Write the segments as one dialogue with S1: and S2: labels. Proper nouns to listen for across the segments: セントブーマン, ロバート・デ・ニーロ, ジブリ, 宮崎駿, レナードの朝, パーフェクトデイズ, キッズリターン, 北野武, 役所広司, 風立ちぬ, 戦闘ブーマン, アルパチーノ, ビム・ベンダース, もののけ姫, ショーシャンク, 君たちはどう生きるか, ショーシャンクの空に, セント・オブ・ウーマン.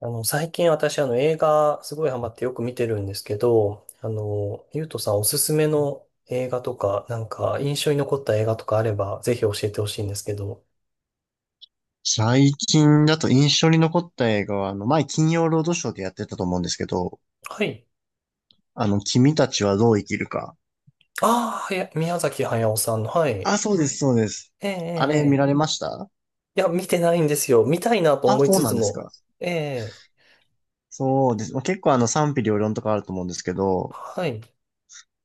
S1: 最近私、映画、すごいハマってよく見てるんですけど、ゆうとさんおすすめの映画とか、印象に残った映画とかあれば、ぜひ教えてほしいんですけど。
S2: 最近だと印象に残った映画は、前金曜ロードショーでやってたと思うんですけど、
S1: はい。
S2: 君たちはどう生きるか。
S1: ああ、宮崎駿さんの、はい。え
S2: あ、そうです、そうです。
S1: え、ええ、
S2: あれ見
S1: え
S2: られ
S1: え
S2: ました？
S1: いや、見てないんですよ。見たいなと
S2: あ、
S1: 思い
S2: そう
S1: つ
S2: な
S1: つ
S2: んです
S1: も。
S2: か。
S1: ええ、
S2: そうです。まあ、結構賛否両論とかあると思うんですけど、
S1: はい。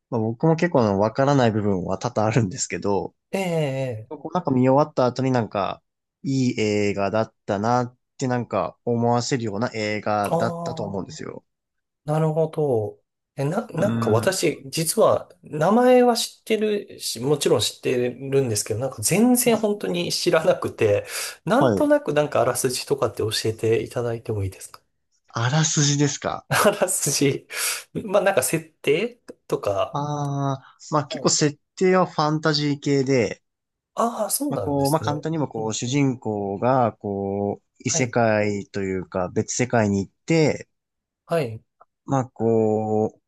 S2: まあ、僕も結構わからない部分は多々あるんですけど、
S1: ええ、え
S2: こうなんか見終わった後になんか、いい映画だったなってなんか思わせるような映画
S1: え、あ
S2: だったと思うんで
S1: あー。
S2: すよ。
S1: なるほど。
S2: う
S1: なんか
S2: ん。
S1: 私、実は、名前は知ってるし、もちろん知ってるんですけど、なんか全然本当に知らなくて、なん
S2: は
S1: と
S2: い。
S1: なくなんかあらすじとかって教えていただいてもいいですか？
S2: あらすじですか？
S1: あらすじ。まあなんか設定とか。
S2: ああ、まあ結
S1: は
S2: 構
S1: い。
S2: 設定はファンタジー系で、
S1: ああ、そう
S2: まあ
S1: なんで
S2: こう、まあ
S1: す
S2: 簡
S1: ね。
S2: 単にも
S1: う
S2: こ
S1: ん
S2: う、主
S1: うん、
S2: 人公がこう、異
S1: は
S2: 世
S1: い。
S2: 界というか別世界に行って、
S1: はい。
S2: まあこう、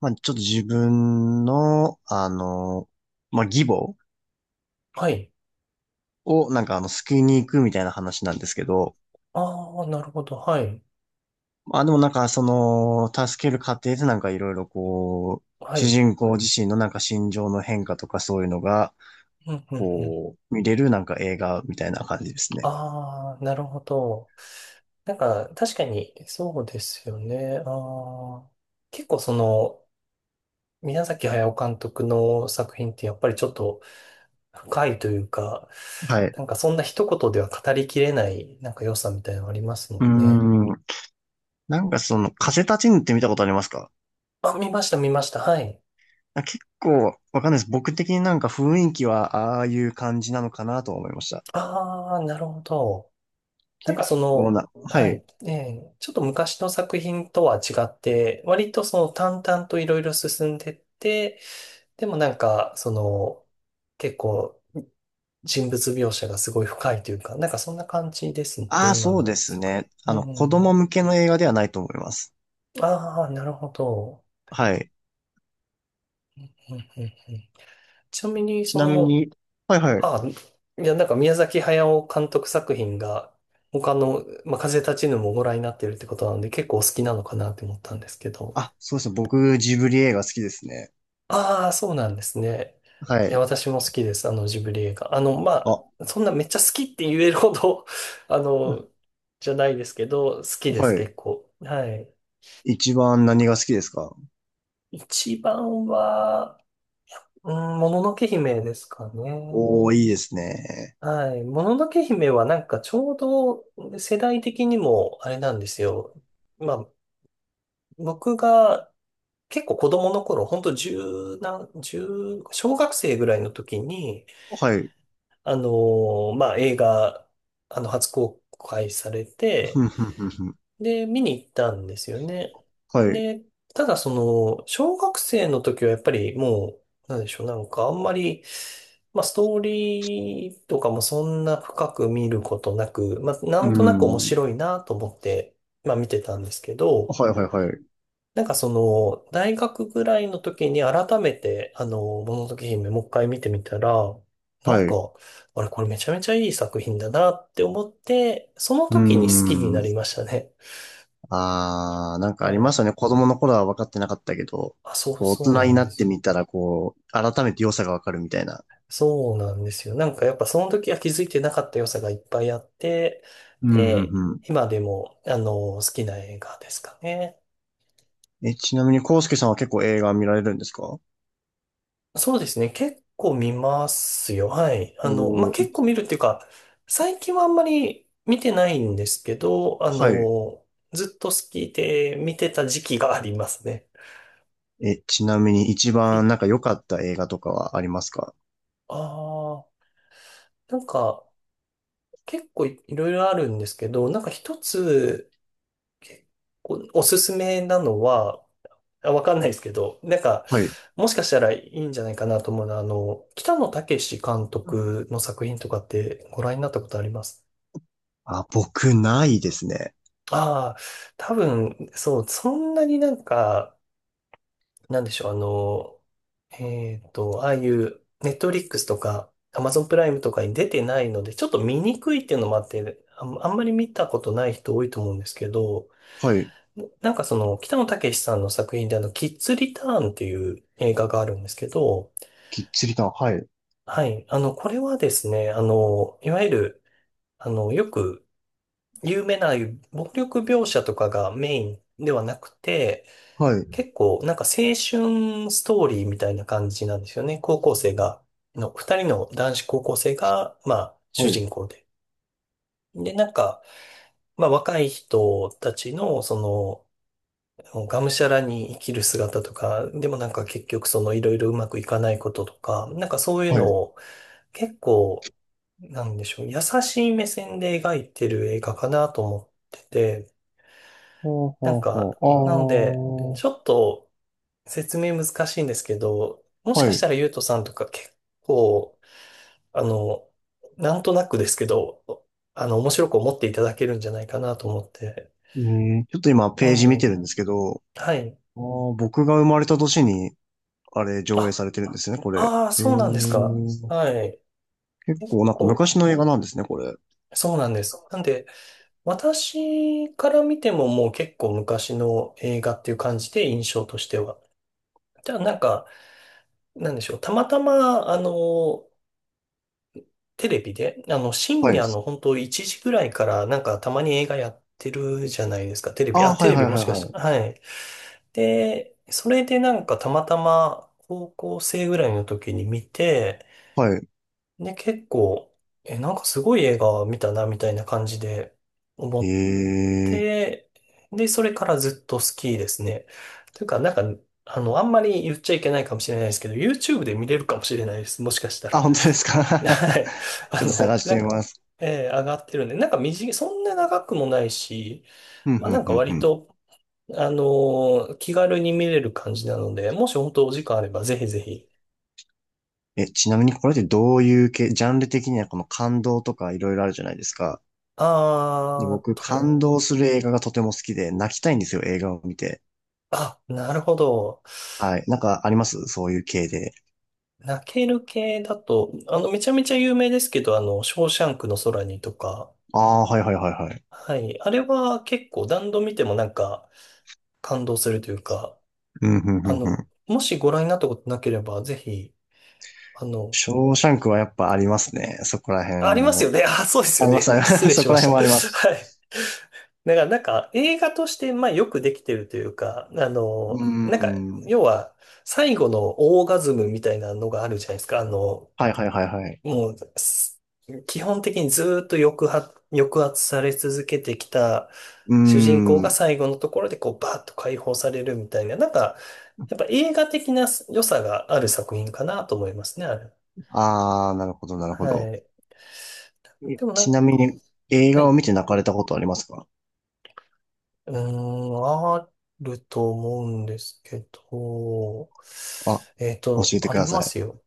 S2: まあちょっと自分の、まあ義母
S1: はい。
S2: をなんか救いに行くみたいな話なんですけど、
S1: ああ、なるほど。はい。
S2: まあでもなんかその、助ける過程でなんかいろいろこう、
S1: は
S2: 主
S1: い。
S2: 人公自身のなんか心情の変化とかそういうのが、
S1: うん、うん、うん。
S2: こう、見れるなんか映画みたいな感じですね。
S1: ああ、なるほど。なんか、確かに、そうですよね。あー結構その、宮崎駿監督の作品ってやっぱりちょっと深いというか、
S2: はい。
S1: なんかそんな一言では語りきれない、なんか良さみたいなのありますも
S2: うー
S1: んね。
S2: ん。なんかその、風立ちぬって見たことありますか？
S1: あ、見ました、見ました。はい。
S2: なんか結構、わかんないです。僕的になんか雰囲気は、ああいう感じなのかなと思いました。
S1: ああ、なるほど。なんか
S2: 結
S1: そ
S2: 構
S1: の、
S2: な、は
S1: は
S2: い。
S1: い。ええ、ちょっと昔の作品とは違って、割とその淡々といろいろ進んでって、でもなんか、その、結構、人物描写がすごい深いというか、なんかそんな感じですね、
S2: ああ、
S1: 今
S2: そうで
S1: の
S2: す
S1: 作
S2: ね。
S1: 品。うんう
S2: 子
S1: んうん。
S2: 供向けの映画ではないと思います。
S1: ああ、なるほど。
S2: はい。
S1: うんうんうん、ちなみに、
S2: ち
S1: そ
S2: なみ
S1: の、
S2: に、はいはい。
S1: ああ、いや、なんか宮崎駿監督作品が、他の、まあ、風立ちぬもご覧になってるってことなので、結構お好きなのかなって思ったんですけど。
S2: あ、そうですね。僕、ジブリ映画好きですね。
S1: ああ、そうなんですね。
S2: は
S1: いや、
S2: い。
S1: 私も好きです、あのジブリ映画。あの、
S2: あ、
S1: ま
S2: は
S1: あ、そんなめっちゃ好きって言えるほど あの、じゃないですけど、好きです、
S2: い。
S1: 結構。はい。
S2: 一番何が好きですか？
S1: 一番は、うん、もののけ姫ですか
S2: おー、
S1: ね。
S2: いいですね。
S1: はい。もののけ姫はなんかちょうど世代的にもあれなんですよ。まあ、僕が結構子供の頃、ほんと十何、十、小学生ぐらいの時に、
S2: はい。
S1: まあ映画、初公開され
S2: ふ
S1: て、
S2: んふんふんふん、
S1: で、見に行ったんですよね。
S2: はい。う
S1: で、ただその、小学生の時はやっぱりもう、なんでしょう、なんかあんまり、まあストーリーとかもそんな深く見ることなく、まあな
S2: ー
S1: んとなく面
S2: ん。
S1: 白いなと思って、まあ見てたんですけど、
S2: はいはいはい。
S1: なんかその、大学ぐらいの時に改めて、もののけ姫もう一回見てみたら、な
S2: は
S1: ん
S2: い。
S1: か、あれこれめちゃめちゃいい作品だなって思って、その
S2: うー
S1: 時に好きになり
S2: ん。
S1: ましたね。
S2: ああ、なんか
S1: は
S2: ありま
S1: い
S2: すよね。子供の頃は分かってなかったけど、
S1: あ、
S2: こう大
S1: そう
S2: 人
S1: な
S2: に
S1: ん
S2: な
S1: で
S2: っ
S1: す
S2: て
S1: よ。
S2: みたら、こう、改めて良さが分かるみたいな。
S1: そうなんですよ。なんかやっぱその時は気づいてなかった良さがいっぱいあって、
S2: うん、う
S1: で、
S2: ん、う
S1: 今でも、好きな映画ですかね。
S2: ん。え、ちなみに、コウスケさんは結構映画見られるんですか？
S1: そうですね。結構見ますよ。はい。まあ、
S2: おー、
S1: 結構
S2: い、
S1: 見るっていうか、最近はあんまり見てないんですけど、
S2: はい。
S1: ずっと好きで見てた時期がありますね。
S2: え、ちなみに一
S1: はい。
S2: 番なんか良かった映画とかはありますか？
S1: ああ、なんか、結構いろいろあるんですけど、なんか一つ、結構おすすめなのは、あわかんないですけど、なんか、
S2: はい。
S1: もしかしたらいいんじゃないかなと思うのは、北野武監
S2: うん。
S1: 督の作品とかってご覧になったことあります
S2: あ、僕、ないですね。
S1: ああ、多分、そう、そんなになんか、なんでしょう、あの、えっと、ああいう、ネットリックスとか、アマゾンプライムとかに出てないので、ちょっと見にくいっていうのもあって、あんまり見たことない人多いと思うんですけど、
S2: はい。
S1: なんかその、北野武さんの作品でキッズリターンっていう映画があるんですけど、
S2: きっちりと、はい。
S1: はい。これはですね、いわゆる、よく有名な暴力描写とかがメインではなくて、
S2: はい。
S1: 結構なんか青春ストーリーみたいな感じなんですよね。高校生が、の、二人の男子高校生が、まあ、
S2: は
S1: 主
S2: い。
S1: 人公で。で、なんか、まあ、若い人たちの、その、もうがむしゃらに生きる姿とか、でもなんか結局そのいろいろうまくいかないこととか、なんかそういう
S2: は
S1: の
S2: い。
S1: を結構、なんでしょう、優しい目線で描いてる映画かなと思ってて、
S2: ほう
S1: な
S2: ほ
S1: ん
S2: う
S1: か、なので、
S2: ほ
S1: ち
S2: う。
S1: ょっと説明難しいんですけど、も
S2: ああ。
S1: しか
S2: は
S1: し
S2: い。
S1: たらゆうとさんとか結構、あの、なんとなくですけど、面白く思っていただけるんじゃないかなと思って。
S2: うん、ちょっと今
S1: え
S2: ページ見てる
S1: え、
S2: んですけど、
S1: はい。
S2: あー僕が生まれた年に、あれ、上映さ
S1: あ、
S2: れてるんですね、これ。
S1: ああ、
S2: え
S1: そうなんですか。
S2: ー、
S1: はい。
S2: 結
S1: 結
S2: 構、なんか
S1: 構、
S2: 昔の映画なんですね、これ。
S1: そうなんです。なんで、私から見てももう結構昔の映画っていう感じで印象としては。じゃあなんか、なんでしょう。たまたま、テレビで、深
S2: はい。
S1: 夜の本当1時ぐらいからなんかたまに映画やってるじゃないですか。テレビ、
S2: あ
S1: あ、
S2: あ、は
S1: テ
S2: い
S1: レ
S2: は
S1: ビ
S2: いはい
S1: もしか
S2: は
S1: し
S2: い。
S1: て、はい。で、それでなんかたまたま高校生ぐらいの時に見て、
S2: は
S1: で、結構、え、なんかすごい映画見たな、みたいな感じで、思
S2: い。
S1: っ
S2: えー。
S1: で、で、それからずっと好きですね。というか、なんか、あんまり言っちゃいけないかもしれないですけど、YouTube で見れるかもしれないです。もしかした
S2: あ、
S1: ら。
S2: 本当ですか？
S1: はい。
S2: ちょっと探し
S1: な
S2: て
S1: ん
S2: み
S1: か、
S2: ます。
S1: えー上がってるんで、なんか短い、そんな長くもないし、
S2: ふん
S1: まあ
S2: ふ
S1: な
S2: ん
S1: んか
S2: ふんふ
S1: 割
S2: ん。
S1: と、あの気軽に見れる感じなので、もし本当お時間あればぜひぜひ。
S2: え、ちなみにこれってどういう系、ジャンル的にはこの感動とかいろいろあるじゃないですか。で、
S1: あー
S2: 僕、感
S1: と、
S2: 動する映画がとても好きで、泣きたいんですよ、映画を見て。
S1: あ、なるほど。
S2: はい。なんかありますそういう系で。
S1: 泣ける系だと、めちゃめちゃ有名ですけど、ショーシャンクの空にとか、
S2: ああ、はいはいはいはい。
S1: はい。あれは結構何度見てもなんか感動するというか、
S2: うん、うんう
S1: あ
S2: ん
S1: の、
S2: ん。
S1: もしご覧になったことなければ、ぜひ、あの、
S2: ショーシャンクはやっぱありますね。そこら
S1: あり
S2: 辺
S1: ます
S2: の。
S1: よね。あ、そうですよ
S2: ありま
S1: ね。
S2: す、あり ま
S1: 失
S2: す
S1: 礼
S2: そ
S1: し
S2: こ
S1: ま
S2: ら
S1: し
S2: 辺
S1: た。
S2: もあ ります。
S1: はい。だからなんか映画として、まあよくできてるというか、
S2: うー
S1: なんか、
S2: ん。
S1: 要は最後のオーガズムみたいなのがあるじゃないですか。あの、
S2: はいはいはいはい。
S1: もう、す基本的にずーっと抑圧、抑圧され続けてきた
S2: うー
S1: 主人公が
S2: ん。
S1: 最後のところでこうバーッと解放されるみたいな、なんか、やっぱ映画的な良さがある作品かなと思いますね、あれ。
S2: あー、なるほどなるほど。
S1: はい。
S2: え
S1: でもな
S2: ち
S1: ん
S2: なみ
S1: か、
S2: に映
S1: は
S2: 画を
S1: い。
S2: 見て泣かれたことありますか？
S1: うーん、あると思うんですけど、
S2: あ、
S1: えっ
S2: 教
S1: と、
S2: えて
S1: あ
S2: く
S1: り
S2: だ
S1: ま
S2: さい。
S1: すよ。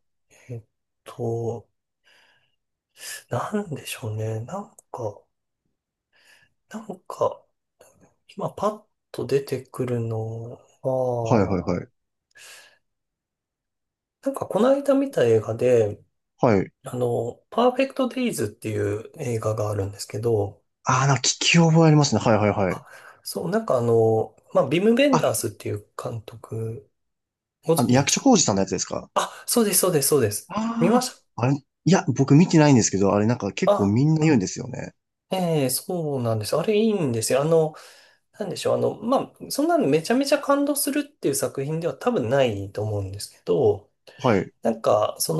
S1: えっと、なんでしょうね。なんか、なんか、今パッと出てくるの
S2: はいはい
S1: は、
S2: はい。
S1: なんかこの間見た映画で、
S2: はい。
S1: パーフェクトデイズっていう映画があるんですけど、
S2: あー、なんか聞き覚えありますね。はいはいはい。
S1: そう、なんかあの、まあ、ビム・ベン
S2: あ、
S1: ダースっていう監督、ご存知で
S2: 役
S1: す
S2: 所
S1: か？
S2: 広司さんのやつですか？
S1: あ、そうです、そうです、そうです。見ま
S2: あ
S1: した
S2: あ、あれ、いや、僕見てないんですけど、あれなんか結構
S1: あ、
S2: みんな言うんですよね。
S1: ええそうなんです。あれいいんですよ。なんでしょう。そんなのめちゃめちゃ感動するっていう作品では多分ないと思うんですけど、
S2: はい。う
S1: なんか、そ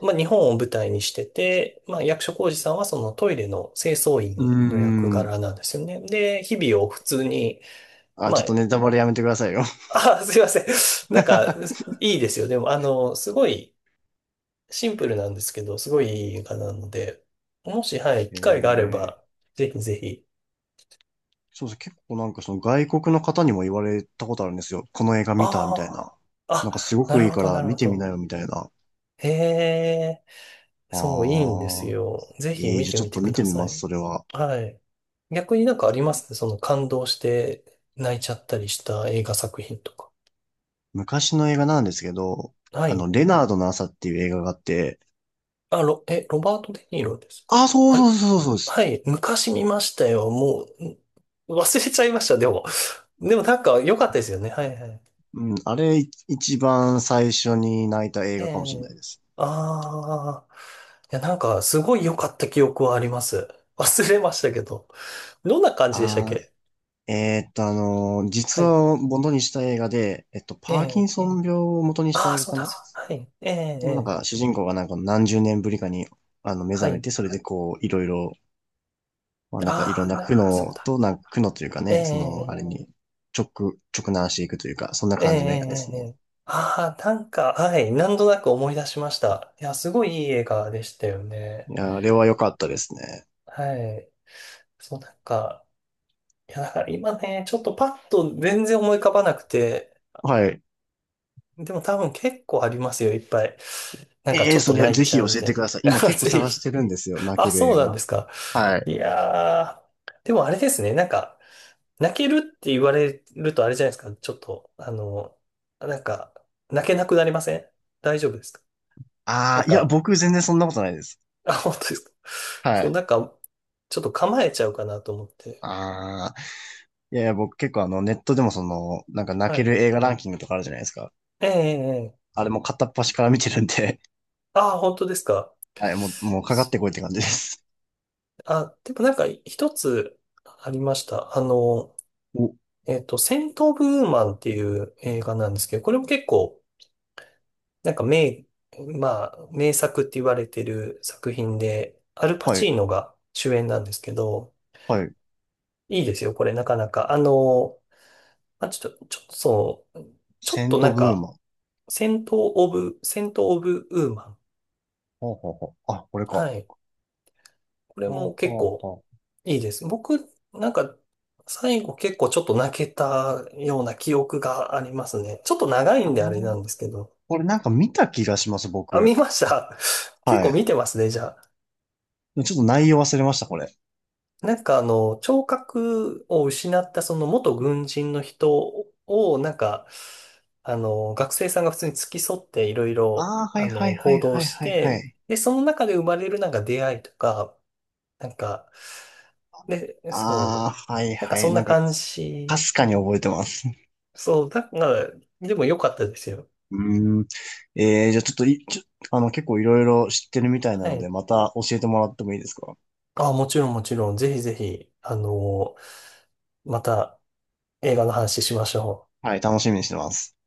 S1: 日本を舞台にしてて、まあ、役所広司さんはそのトイレの清掃
S2: ー
S1: 員の役
S2: ん。
S1: 柄なんですよね。で、日々を普通に、
S2: あ、ち
S1: ま
S2: ょっとネタバレやめてくださいよ。
S1: あ、すいません。なんか、いいですよ。でも、あの、すごいシンプルなんですけど、すごいいい映画なので、もし、はい、機会があれ
S2: ええ
S1: ば、ぜひぜひ。
S2: そうですね。結構なんかその外国の方にも言われたことあるんですよ。この映画
S1: あ
S2: 見たみたいな。
S1: あ、
S2: なんかす
S1: あ、
S2: ご
S1: な
S2: くい
S1: る
S2: い
S1: ほ
S2: か
S1: ど、な
S2: ら
S1: る
S2: 見
S1: ほ
S2: てみな
S1: ど。
S2: よみたいな。
S1: へえ。そう、いいんです
S2: ああ、
S1: よ。ぜひ
S2: ええ
S1: 見
S2: じゃあ
S1: て
S2: ちょ
S1: み
S2: っ
S1: て
S2: と
S1: く
S2: 見て
S1: だ
S2: み
S1: さ
S2: ます、
S1: い。
S2: それは。
S1: はい。逆になんかありますね。その感動して泣いちゃったりした映画作品とか。
S2: 昔の映画なんですけど、
S1: はい。
S2: レナードの朝っていう映画があって、
S1: ロバート・デ・ニーロですか？
S2: ああ、そう
S1: あれ、
S2: そうそうそうそうです。
S1: はい。昔見ましたよ。もう、ん忘れちゃいました。でも。でもなんか良かったですよね。はいはい。
S2: うん、あれい一番最初に泣いた映
S1: え
S2: 画かもしれな
S1: え。
S2: いです。
S1: ああ。いや、なんかすごい良かった記憶はあります。忘れましたけど。どんな感じでしたっ
S2: ああ、
S1: け？は
S2: 実
S1: い。
S2: 話を元にした映画で、
S1: え
S2: パーキン
S1: え。
S2: ソン病を元にした
S1: ああ、
S2: 映画
S1: そう
S2: か
S1: だ、
S2: な？
S1: そうだ。はい。ええ、え
S2: でもなん
S1: え、
S2: か主人公がなんか何十年ぶりかに目
S1: は
S2: 覚め
S1: い。
S2: て、それでこういろいろ、まあなんかいろ
S1: あ
S2: ん
S1: あ、
S2: な苦
S1: なんかそう
S2: 悩
S1: だ。
S2: と、なんか苦悩というか
S1: え
S2: ね、そのあ
S1: え、
S2: れに直、直難していくというか、そんな
S1: ええ、
S2: 感じの映画で
S1: ええ、
S2: す
S1: え
S2: ね。
S1: え。ああ、なんか、はい。なんとなく思い出しました。いや、すごいいい映画でしたよね。
S2: いや、あれは良かったですね。
S1: はい。そう、なんか、いや、だから今ね、ちょっとパッと全然思い浮かばなくて、
S2: はい。
S1: でも多分結構ありますよ、いっぱい。なんか
S2: ええ
S1: ち
S2: ー、
S1: ょっと
S2: それ
S1: 泣い
S2: ぜ
S1: ち
S2: ひ
S1: ゃ
S2: 教
S1: うみ
S2: え
S1: た
S2: て
S1: いな。
S2: ください。今
S1: あ、
S2: 結構
S1: ぜ
S2: 探し
S1: ひ。
S2: てるんですよ、泣
S1: あ、
S2: ける
S1: そう
S2: 映
S1: なんで
S2: 画。
S1: すか。
S2: はい。
S1: いやー。でもあれですね、泣けるって言われるとあれじゃないですか。ちょっと、あの、なんか、泣けなくなりません？大丈夫ですか？な
S2: あ
S1: ん
S2: あ、いや、
S1: か、
S2: 僕全然そんなことないです。
S1: あ、本当ですか？
S2: は
S1: そう、
S2: い。
S1: なんか、ちょっと構えちゃうかなと思って。
S2: ああ、いやいや、僕結構ネットでもその、なんか泣
S1: は
S2: け
S1: い。
S2: る映画ランキングとかあるじゃないですか。
S1: ええ、ええ、ええ、
S2: あれも片っ端から見てるんで。
S1: あ、本当ですか。
S2: はい、もう、もうかかっ
S1: そ
S2: てこいって感じで
S1: うだ、
S2: す。
S1: あ、でもなんか、一つありました。あの、
S2: お、
S1: えっと、戦闘ブーマンっていう映画なんですけど、これも結構、なんか名、まあ、名作って言われてる作品で、アルパ
S2: は
S1: チ
S2: い、
S1: ーノが主演なんですけど、
S2: はい。
S1: いいですよ、これなかなか。あの、あ、ちょっと、ちょっとそう、ちょっ
S2: セン
S1: とな
S2: ト
S1: ん
S2: ブー
S1: か、
S2: マン。
S1: セント・オブ、セント・オブ・ウーマン。
S2: ほうほうほう。あ、これか。
S1: はい。これ
S2: ほう
S1: も結
S2: ほう
S1: 構
S2: ほう。
S1: いいです。僕、なんか、最後結構ちょっと泣けたような記憶がありますね。ちょっと長い
S2: あ
S1: んであれな
S2: の
S1: ん
S2: ー
S1: ですけど。
S2: これなんか見た気がします、
S1: あ、
S2: 僕。
S1: 見ました。結
S2: は
S1: 構
S2: い。
S1: 見てますね、じゃあ。
S2: ちょっと内容忘れました、これ。
S1: なんかあの、聴覚を失ったその元軍人の人を、なんか、あの、学生さんが普通に付き添っていろいろ、
S2: ああ、は
S1: あ
S2: いは
S1: の、
S2: いは
S1: 行
S2: い
S1: 動
S2: はい
S1: し
S2: はいは
S1: て、
S2: い。
S1: で、その中で生まれるなんか出会いとか、なんか、で、
S2: あ
S1: そ
S2: あ、はい
S1: う、なんか
S2: は
S1: そ
S2: い。
S1: ん
S2: な
S1: な
S2: んか、
S1: 感
S2: か
S1: じ。
S2: すかに覚えてます。
S1: そう、だから、でも良かったですよ。
S2: うーん。えー、じゃあちょっとい、ちょ、結構いろいろ知ってるみたいな
S1: は
S2: ので、
S1: い。
S2: また教えてもらってもいいですか？
S1: あ、もちろんもちろん、ぜひぜひ、あの、また映画の話しましょう。
S2: はい、楽しみにしてます。